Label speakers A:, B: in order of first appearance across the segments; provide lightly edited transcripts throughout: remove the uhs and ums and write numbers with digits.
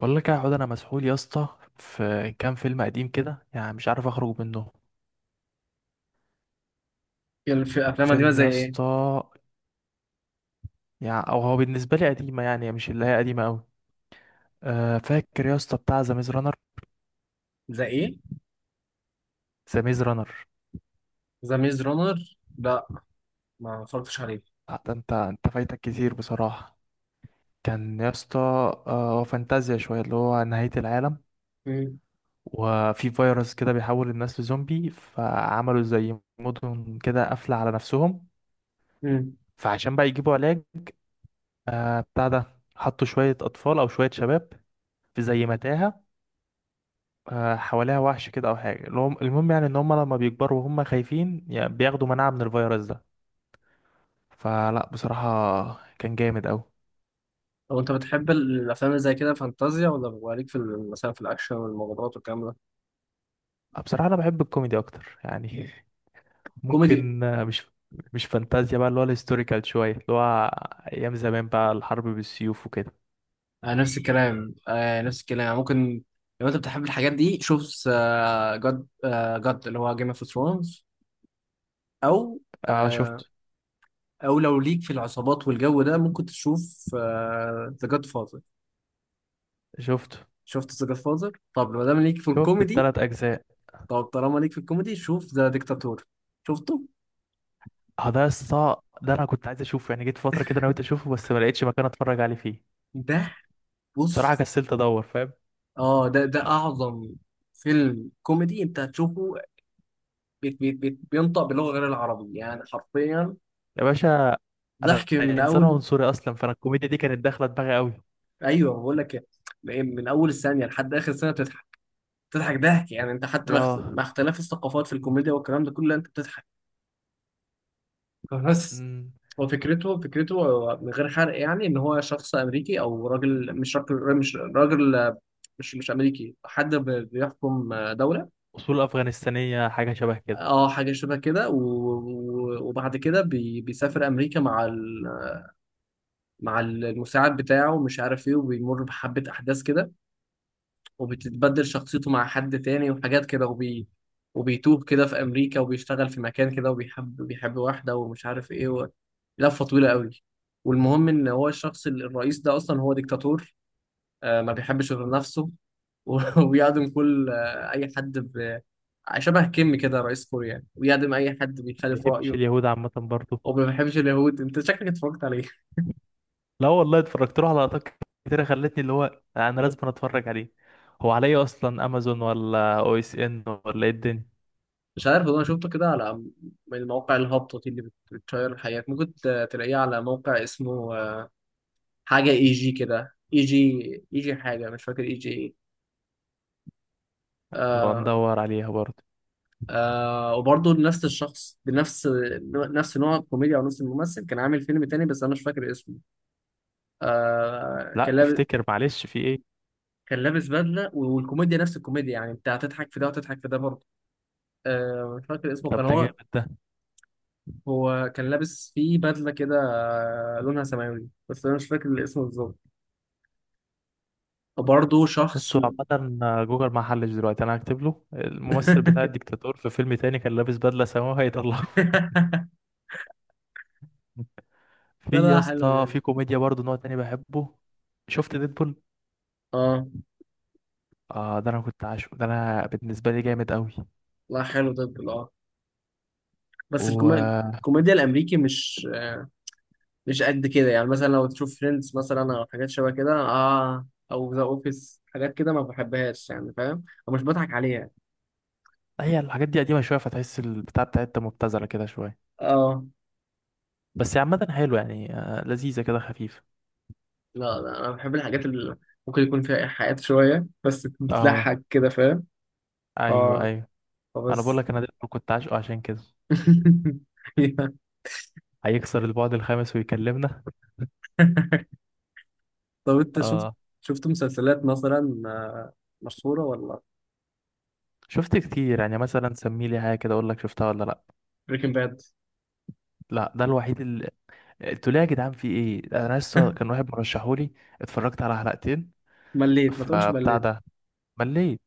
A: بقول لك يا عود، انا مسحول يا اسطى. في كام فيلم قديم كده يعني مش عارف اخرج منه.
B: الافلام القديمه
A: فيلم
B: زي
A: يا
B: ايه؟
A: اسطى، يعني او هو بالنسبه لي قديمه، يعني مش اللي هي قديمه قوي. أه، فاكر يا اسطى بتاع ذا ميز رانر؟
B: زي ايه؟
A: ذا ميز رانر.
B: ذا ميز رونر. لا، ما اتفرجتش عليه.
A: انت فايتك كتير بصراحه. كان يا اسطى فانتازيا شويه اللي هو نهايه العالم.
B: مم.
A: وفي فيروس كده بيحول الناس لزومبي، فعملوا زي مدن كده قافله على نفسهم،
B: مم.
A: فعشان بقى يجيبوا علاج. بتاع ده حطوا شوية أطفال أو شوية شباب في زي متاهة، حواليها وحش كده أو حاجة. المهم، يعني إن هم لما بيكبروا وهم خايفين يعني بياخدوا مناعة من الفيروس ده. فلا بصراحة كان جامد أوي.
B: لو انت بتحب الافلام اللي زي كده فانتازيا، ولا بيبقى ليك في مثلا في الاكشن والمغامرات والكلام ده؟
A: بصراحة أنا بحب الكوميدي أكتر يعني.
B: كوميدي؟
A: ممكن، مش، فانتازيا بقى، اللي هو الهيستوريكال شوية اللي هو أيام زمان بقى الحرب بالسيوف وكده.
B: آه نفس الكلام، آه نفس الكلام يعني ممكن. لو انت بتحب الحاجات دي شوف جاد، جاد اللي هو جيم اوف ثرونز. او
A: آه،
B: آه
A: شفت.
B: او لو ليك في العصابات والجو ده ممكن تشوف ذا جاد فازر.
A: شفت
B: شفت ذا جاد فازر؟ طب ما دام ليك في
A: شفت
B: الكوميدي،
A: التلات أجزاء.
B: طب طالما ليك في الكوميدي شوف ذا ديكتاتور. شفته؟
A: اه، ده ده أنا كنت عايز أشوفه يعني، جيت فترة كده أنا قلت أشوفه بس ما لقيتش مكان أتفرج عليه فيه.
B: ده،
A: بصراحة
B: بص،
A: كسلت أدور، فاهم؟
B: اه ده، ده اعظم فيلم كوميدي انت هتشوفه. بيت بينطق باللغه غير العربي يعني حرفيا.
A: يا باشا، انا
B: ضحك من
A: انسان
B: اول.
A: عنصري اصلا، فانا الكوميديا دي كانت داخله دماغي قوي.
B: ايوه بقول لك إيه، من اول الثانيه لحد اخر ثانيه بتضحك. بتضحك ضحك، يعني انت حتى مع
A: راه.
B: مع اختلاف الثقافات في الكوميديا والكلام ده كله انت بتضحك. بس
A: مم،.
B: هو فكرته هو من غير حرق، يعني ان هو شخص امريكي، او راجل، مش راجل، مش راجل، مش امريكي، حد بيحكم دوله.
A: اصول افغانستانيه، حاجه شبه كده.
B: اه حاجه شبه كده، وبعد كده بيسافر امريكا مع مع المساعد بتاعه ومش عارف ايه وبيمر بحبه احداث كده، وبتتبدل شخصيته مع حد تاني وحاجات كده، وبيتوه كده في أمريكا وبيشتغل في مكان كده وبيحب واحدة ومش عارف إيه و... لفة طويلة قوي. والمهم إن هو الشخص الرئيس ده أصلا هو ديكتاتور. ما بيحبش غير نفسه. و- ويعدم كل أي حد ب... شبه كيم كده رئيس كوريا يعني، ويعدم أي حد
A: ما
B: بيخالف
A: بيحبش
B: رأيه.
A: اليهود عامه برضه.
B: وما بيحبش اليهود. أنت شكلك اتفرجت عليه.
A: لا والله، اتفرجت له على لقطات كتيره خلتني اللي هو انا لازم اتفرج عليه. هو عليا اصلا امازون ولا OSN ولا ايه الدنيا؟
B: مش عارف والله، أنا شفته كده على، من مواقع الهبطة دي اللي بتشير الحياة، ممكن تلاقيه على موقع اسمه حاجة اي جي كده، اي جي، اي جي حاجة، مش فاكر اي جي ايه.
A: نبقى
B: آه.
A: ندور عليها برضه.
B: آه وبرضه نفس الشخص بنفس، نفس نوع الكوميديا، او نفس الممثل كان عامل فيلم تاني بس انا مش فاكر اسمه. آه كان
A: لا
B: لابس،
A: افتكر، معلش، في ايه؟
B: كان لابس بدله والكوميديا نفس الكوميديا، يعني انت هتضحك في ده وهتضحك في ده برضه. آه مش فاكر اسمه
A: طب
B: كان
A: ده
B: هو،
A: جامد ده.
B: هو كان لابس فيه بدله كده آه لونها سماوي، بس انا مش فاكر الاسم بالظبط. وبرضه شخص.
A: بصوا، عامة جوجل ما حلش دلوقتي، انا هكتب له الممثل بتاع الديكتاتور في فيلم تاني كان لابس بدلة سماوي، هيطلع. في يا
B: بدله حلوه
A: اسطى
B: يعني.
A: في كوميديا برضه نوع تاني بحبه. شفت ديدبول؟
B: اه.
A: اه، ده انا كنت عاشقه، ده انا بالنسبه لي جامد قوي.
B: لا حلو ده. اه. بس
A: و،
B: الكوميديا الامريكي مش مش قد كده، يعني مثلا لو تشوف فريندز مثلا او حاجات شبه كده، اه، او ذا اوفيس حاجات كده ما بحبهاش، يعني فاهم، ومش بضحك عليها.
A: هي الحاجات دي قديمه شويه فتحس البتاع بتاعتها مبتذله كده شويه،
B: اه.
A: بس هي عامه حلو يعني، لذيذه كده خفيفه.
B: لا، لا انا بحب الحاجات اللي ممكن يكون فيها ايحاءات شويه بس
A: اه.
B: بتضحك كده، فاهم.
A: ايوه،
B: اه.
A: ايوه. ما انا بقول
B: فبس.
A: لك، انا ديدبول كنت عاشقه عشان كده، هيكسر البعد الخامس ويكلمنا.
B: طب انت شفت،
A: اه.
B: شفت مسلسلات مثلا مشهوره ولا؟
A: شفت كتير يعني، مثلا سمي لي حاجه كده اقول لك شفتها ولا لا.
B: بريكنج باد.
A: لا، ده الوحيد اللي، قلت له يا جدعان في ايه، انا لسه كان واحد مرشحولي، اتفرجت على حلقتين
B: مليت؟ ما تقولش
A: فبتاع
B: مليت.
A: ده، مليت.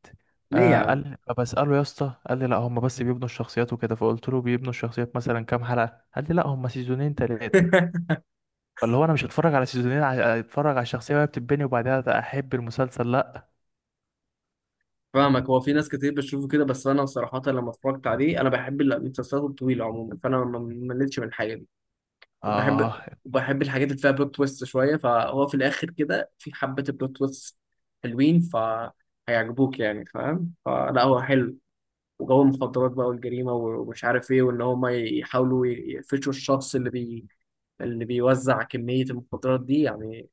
B: ليه يا
A: قال
B: عم؟
A: لي، فبسأله يا اسطى، قال لي لا هم بس بيبنوا الشخصيات وكده، فقلت له بيبنوا الشخصيات مثلا كام حلقة؟ قال لي لا هم سيزونين تلاتة. فاللي هو انا مش هتفرج على سيزونين اتفرج على الشخصية وهي بتتبني وبعدها احب المسلسل، لا.
B: فاهمك، هو في ناس كتير بتشوفه كده بس انا صراحة لما اتفرجت عليه انا بحب المسلسلات الطويلة عموما، فانا ما مليتش من الحاجة دي. وبحب،
A: اه.
B: وبحب الحاجات اللي فيها بلوت تويست شوية، فهو في الاخر كده في حبة بلوت تويست حلوين فهيعجبوك يعني، فاهم. فلا هو حلو. وجو المخدرات بقى والجريمة ومش عارف ايه، وان هم يحاولوا يقفشوا الشخص اللي اللي بيوزع كمية المخدرات دي يعني.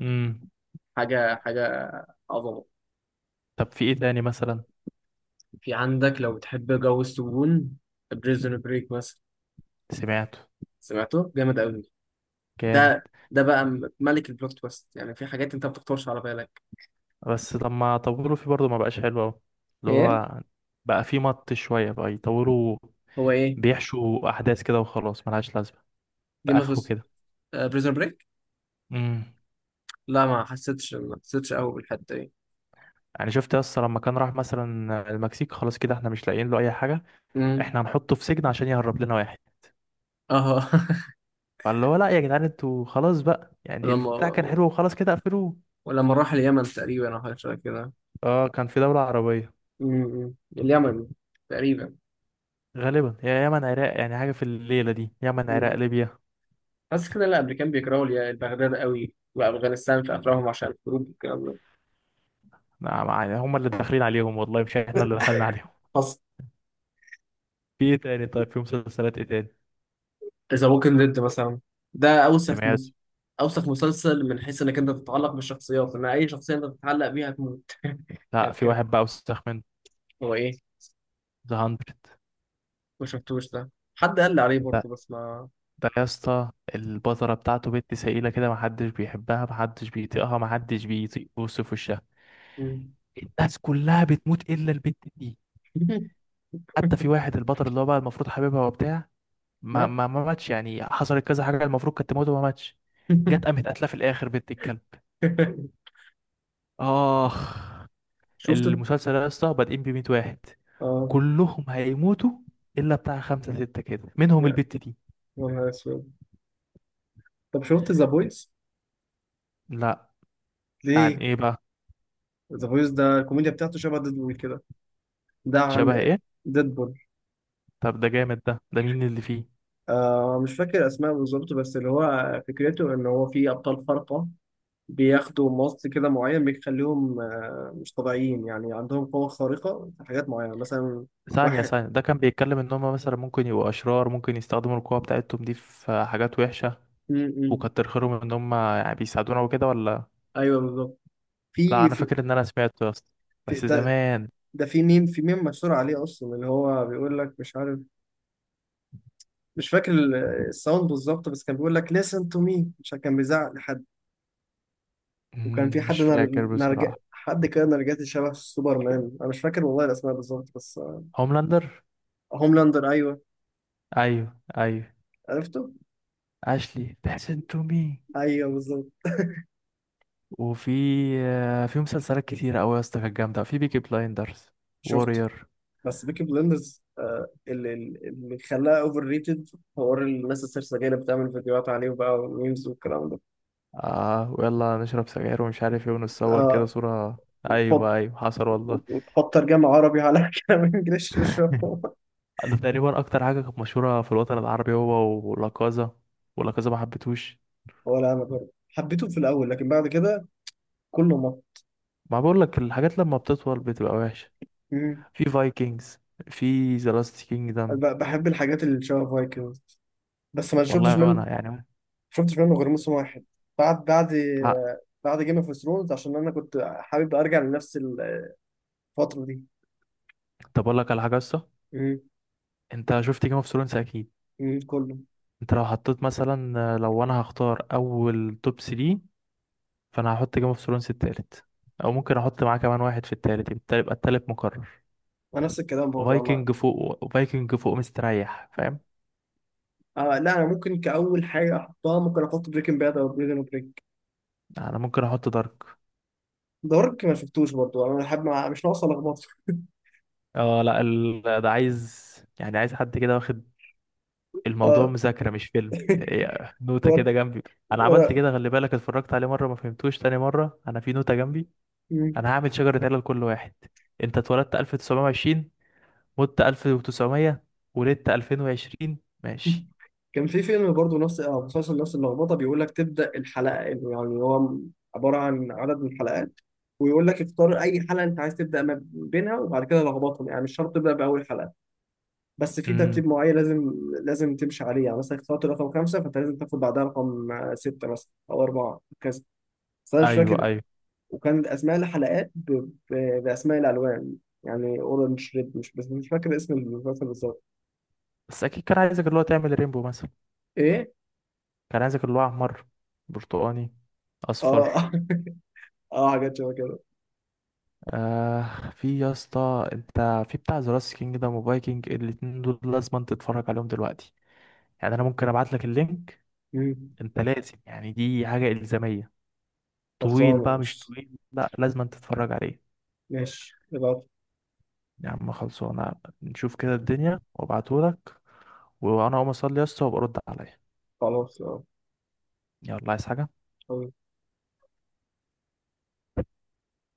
A: امم.
B: حاجة، حاجة عظمة.
A: طب في ايه تاني مثلا؟
B: في عندك، لو بتحب جو السجون، بريزون بريك مثلا.
A: سمعته.
B: سمعته. جامد قوي.
A: جامد.
B: ده، ده بقى ملك البلوت تويست، يعني في حاجات انت ما بتخطرش على بالك.
A: بس طب ما طولوا فيه برضه، ما بقاش حلو قوي. اللي
B: ايه.
A: هو بقى فيه مط شوية بقى، يطولوا
B: هو ايه؟
A: بيحشوا احداث كده وخلاص ملهاش لازمة
B: جيم
A: باخره
B: اوف.
A: كده.
B: بريزون بريك.
A: امم.
B: لا، ما حسيتش، ما حسيتش قوي بالحته دي.
A: يعني شفت، يس، لما كان راح مثلا المكسيك خلاص، كده احنا مش لاقيين له اي حاجه،
B: امم.
A: احنا هنحطه في سجن عشان يهرب لنا واحد.
B: اه.
A: فاللي هو لا يا جدعان انتوا خلاص بقى، يعني
B: لما،
A: البتاع كان حلو وخلاص، كده قفلوه.
B: ولما راح اليمن تقريبا او حاجه شبه كده.
A: اه، كان في دوله عربيه،
B: امم. اليمن تقريبا.
A: غالبا يا يمن عراق، يعني حاجه في الليله دي، يمن عراق
B: امم.
A: ليبيا.
B: حاسس كده. لا، الامريكان بيكرهوا بغداد قوي وافغانستان في افراحهم عشان الحروب والكلام ده.
A: نعم، يعني هم اللي داخلين عليهم والله، مش احنا اللي دخلنا عليهم.
B: حصل.
A: في ايه تاني؟ طيب في مسلسلات ايه تاني؟
B: ذا ووكينج ديد مثلا. ده اوسخ
A: سمعت.
B: مس... اوسخ مسلسل من حيث انك انت تتعلق بالشخصيات، ان اي شخصيه انت بتتعلق بيها هتموت.
A: لا،
B: يعني
A: في
B: كده.
A: واحد بقى وسخ منه،
B: هو ايه؟
A: ذا 100.
B: ما شفتوش ده. حد قال لي عليه برضه بس ما.
A: ده يا اسطى، البذرة بتاعته بنت سائلة كده، محدش بيحبها، محدش بيطيقها، محدش بيطيق بص في وشها.
B: مم.
A: الناس كلها بتموت إلا البنت دي. حتى في واحد، البطل اللي هو بقى المفروض حبيبها وبتاع، ما
B: مات.
A: ما ما ماتش يعني، حصلت كذا حاجة المفروض كانت تموت وما ماتش. جت قامت قتلة في الآخر بنت الكلب. آخ.
B: شفت.
A: المسلسل ده يا اسطى بادئين بميت واحد،
B: اه.
A: كلهم هيموتوا إلا بتاع خمسة ستة كده، منهم
B: يا،
A: البت دي.
B: يا نهار اسود. طب شفت ذا بويز؟
A: لا. ده عن
B: ليه؟
A: إيه بقى؟
B: ذا بويز ده الكوميديا بتاعته شبه ديدبول كده. ده
A: شبه
B: عن.
A: إيه؟
B: ديدبول.
A: طب ده جامد ده. ده مين اللي فيه؟
B: آه مش فاكر اسماء بالظبط، بس اللي هو فكرته ان هو في ابطال خارقة بياخدوا ماست كده معين بيخليهم مش طبيعيين، يعني عندهم قوة خارقة في حاجات معينة مثلا.
A: ثانية
B: واحد.
A: ثانية، ده كان بيتكلم ان هم مثلا ممكن يبقوا اشرار، ممكن يستخدموا القوة بتاعتهم دي في حاجات وحشة،
B: م -م.
A: وكتر خيرهم ان هم يعني بيساعدونا وكده، ولا؟
B: أيوه بالظبط.
A: لا،
B: في،
A: انا
B: في.
A: فاكر ان انا سمعته يا اسطى،
B: في
A: بس
B: ده.
A: زمان.
B: ده في ميم، في ميم مشهور عليه أصلا اللي هو بيقول لك مش عارف، مش فاكر الساوند بالظبط، بس كان بيقول لك listen to me عشان كان بيزعق لحد. وكان في حد
A: مش
B: نر...
A: فاكر
B: نرج...
A: بصراحة.
B: حد كده نرجسي شبه سوبرمان، أنا مش فاكر والله الأسماء بالظبط بس.
A: هوملاندر.
B: هوملاندر، أيوه.
A: ايوه، ايوه.
B: عرفته؟
A: اشلي تحسن تو مي.
B: أيوه بالظبط.
A: وفي، في مسلسلات كتيرة قوي يا اسطى كانت جامدة، في بيكي بلايندرز،
B: شفته.
A: وورير.
B: بس بيكي بلندرز اللي خلاها اوفر ريتد حوار الناس السرسجيه اللي بتعمل فيديوهات عليه بقى وميمز والكلام ده.
A: اه، ويلا نشرب سجاير ومش عارف ايه، ونتصور كده
B: آه.
A: صورة.
B: تحط،
A: ايوه ايوه، حصل والله.
B: وتحط ترجمه عربي على كلام انجلش مش فاهم.
A: ده تقريبا اكتر حاجه كانت مشهوره في الوطن العربي، هو ولاكازا. ولاكازا ما حبيتهوش.
B: ولا انا برضه حبيته في الاول لكن بعد كده كله مط.
A: ما بقول لك، الحاجات لما بتطول بتبقى وحشه.
B: مم.
A: في فايكنجز، في ذا لاست
B: أنا
A: كينجدم.
B: بحب الحاجات اللي شبه فايكنجز بس ما شفتش
A: والله
B: منه،
A: وانا يعني.
B: شفتش منه غير موسم 1،
A: لا.
B: بعد جيم اوف ثرونز عشان انا كنت حابب ارجع لنفس الفتره دي.
A: طب اقول لك على حاجه لسه.
B: مم.
A: انت شفت جيم اوف ثرونز اكيد.
B: مم. كله.
A: انت لو حطيت مثلا، لو انا هختار اول توب 3، فانا هحط جيم اوف ثرونز التالت، او ممكن احط معاه كمان واحد في التالت، يبقى التالت مقرر.
B: ونفس الكلام برضه.
A: فايكنج فوق، فايكنج فوق مستريح، فاهم.
B: آه لا انا ممكن كاول حاجه احطها ممكن احط بريكنج باد او بريزون بريك.
A: انا ممكن احط دارك.
B: دارك ما شفتوش برضو، انا حابب مش ناقصه لخبطه.
A: اه لا، ده عايز، يعني عايز حد كده واخد الموضوع
B: اه.
A: مذاكرة، مش فيلم، إيه، نوتة
B: ورا،
A: كده جنبي. انا
B: ورا.
A: عملت كده، خلي بالك، اتفرجت عليه مرة ما فهمتوش، تاني مرة انا في نوتة جنبي.
B: مم.
A: انا هعمل شجرة عيلة لكل واحد. انت اتولدت 1920، مت 1900، ولدت 2020. ماشي.
B: كان في فيلم برضو نفس آه مسلسل نفس اللخبطه، بيقول لك تبدا الحلقه، يعني هو عباره عن عدد من الحلقات، ويقول لك اختار اي حلقه انت عايز تبدا ما بينها، وبعد كده لخبطهم، يعني مش شرط تبدا باول حلقه، بس في
A: امم.
B: ترتيب معين لازم، لازم تمشي عليه. يعني مثلا اخترت رقم 5، فانت لازم تاخد بعدها رقم سته مثلا او اربعه وكذا، بس انا مش
A: ايوه،
B: فاكر.
A: ايوه.
B: وكان اسماء الحلقات ب... ب... باسماء الالوان، يعني اورنج ريد، مش بس مش فاكر اسم المسلسل بالظبط.
A: بس اكيد كان عايزك اللي هو تعمل رينبو مثلا.
B: ايه.
A: كان عايزك اللي هو احمر، برتقاني،
B: اه.
A: اصفر.
B: اه حاجات شبه كده.
A: آه. في يا اسطى، انت في بتاع ذا لاست كينجدم وفايكنج، الاتنين دول لازم انت تتفرج عليهم دلوقتي. يعني انا ممكن ابعت لك اللينك.
B: مم.
A: انت لازم يعني، دي حاجه الزاميه. طويل
B: خلصانه
A: بقى؟ مش
B: ماشي.
A: طويل، لا لازم انت تتفرج عليه.
B: ماشي يبقى.
A: يا عم خلصانه. نشوف كده الدنيا وابعته لك، وانا اقوم اصلي يا اسطى وابقى رد عليا.
B: خلاص.
A: يلا، عايز حاجه؟
B: اه.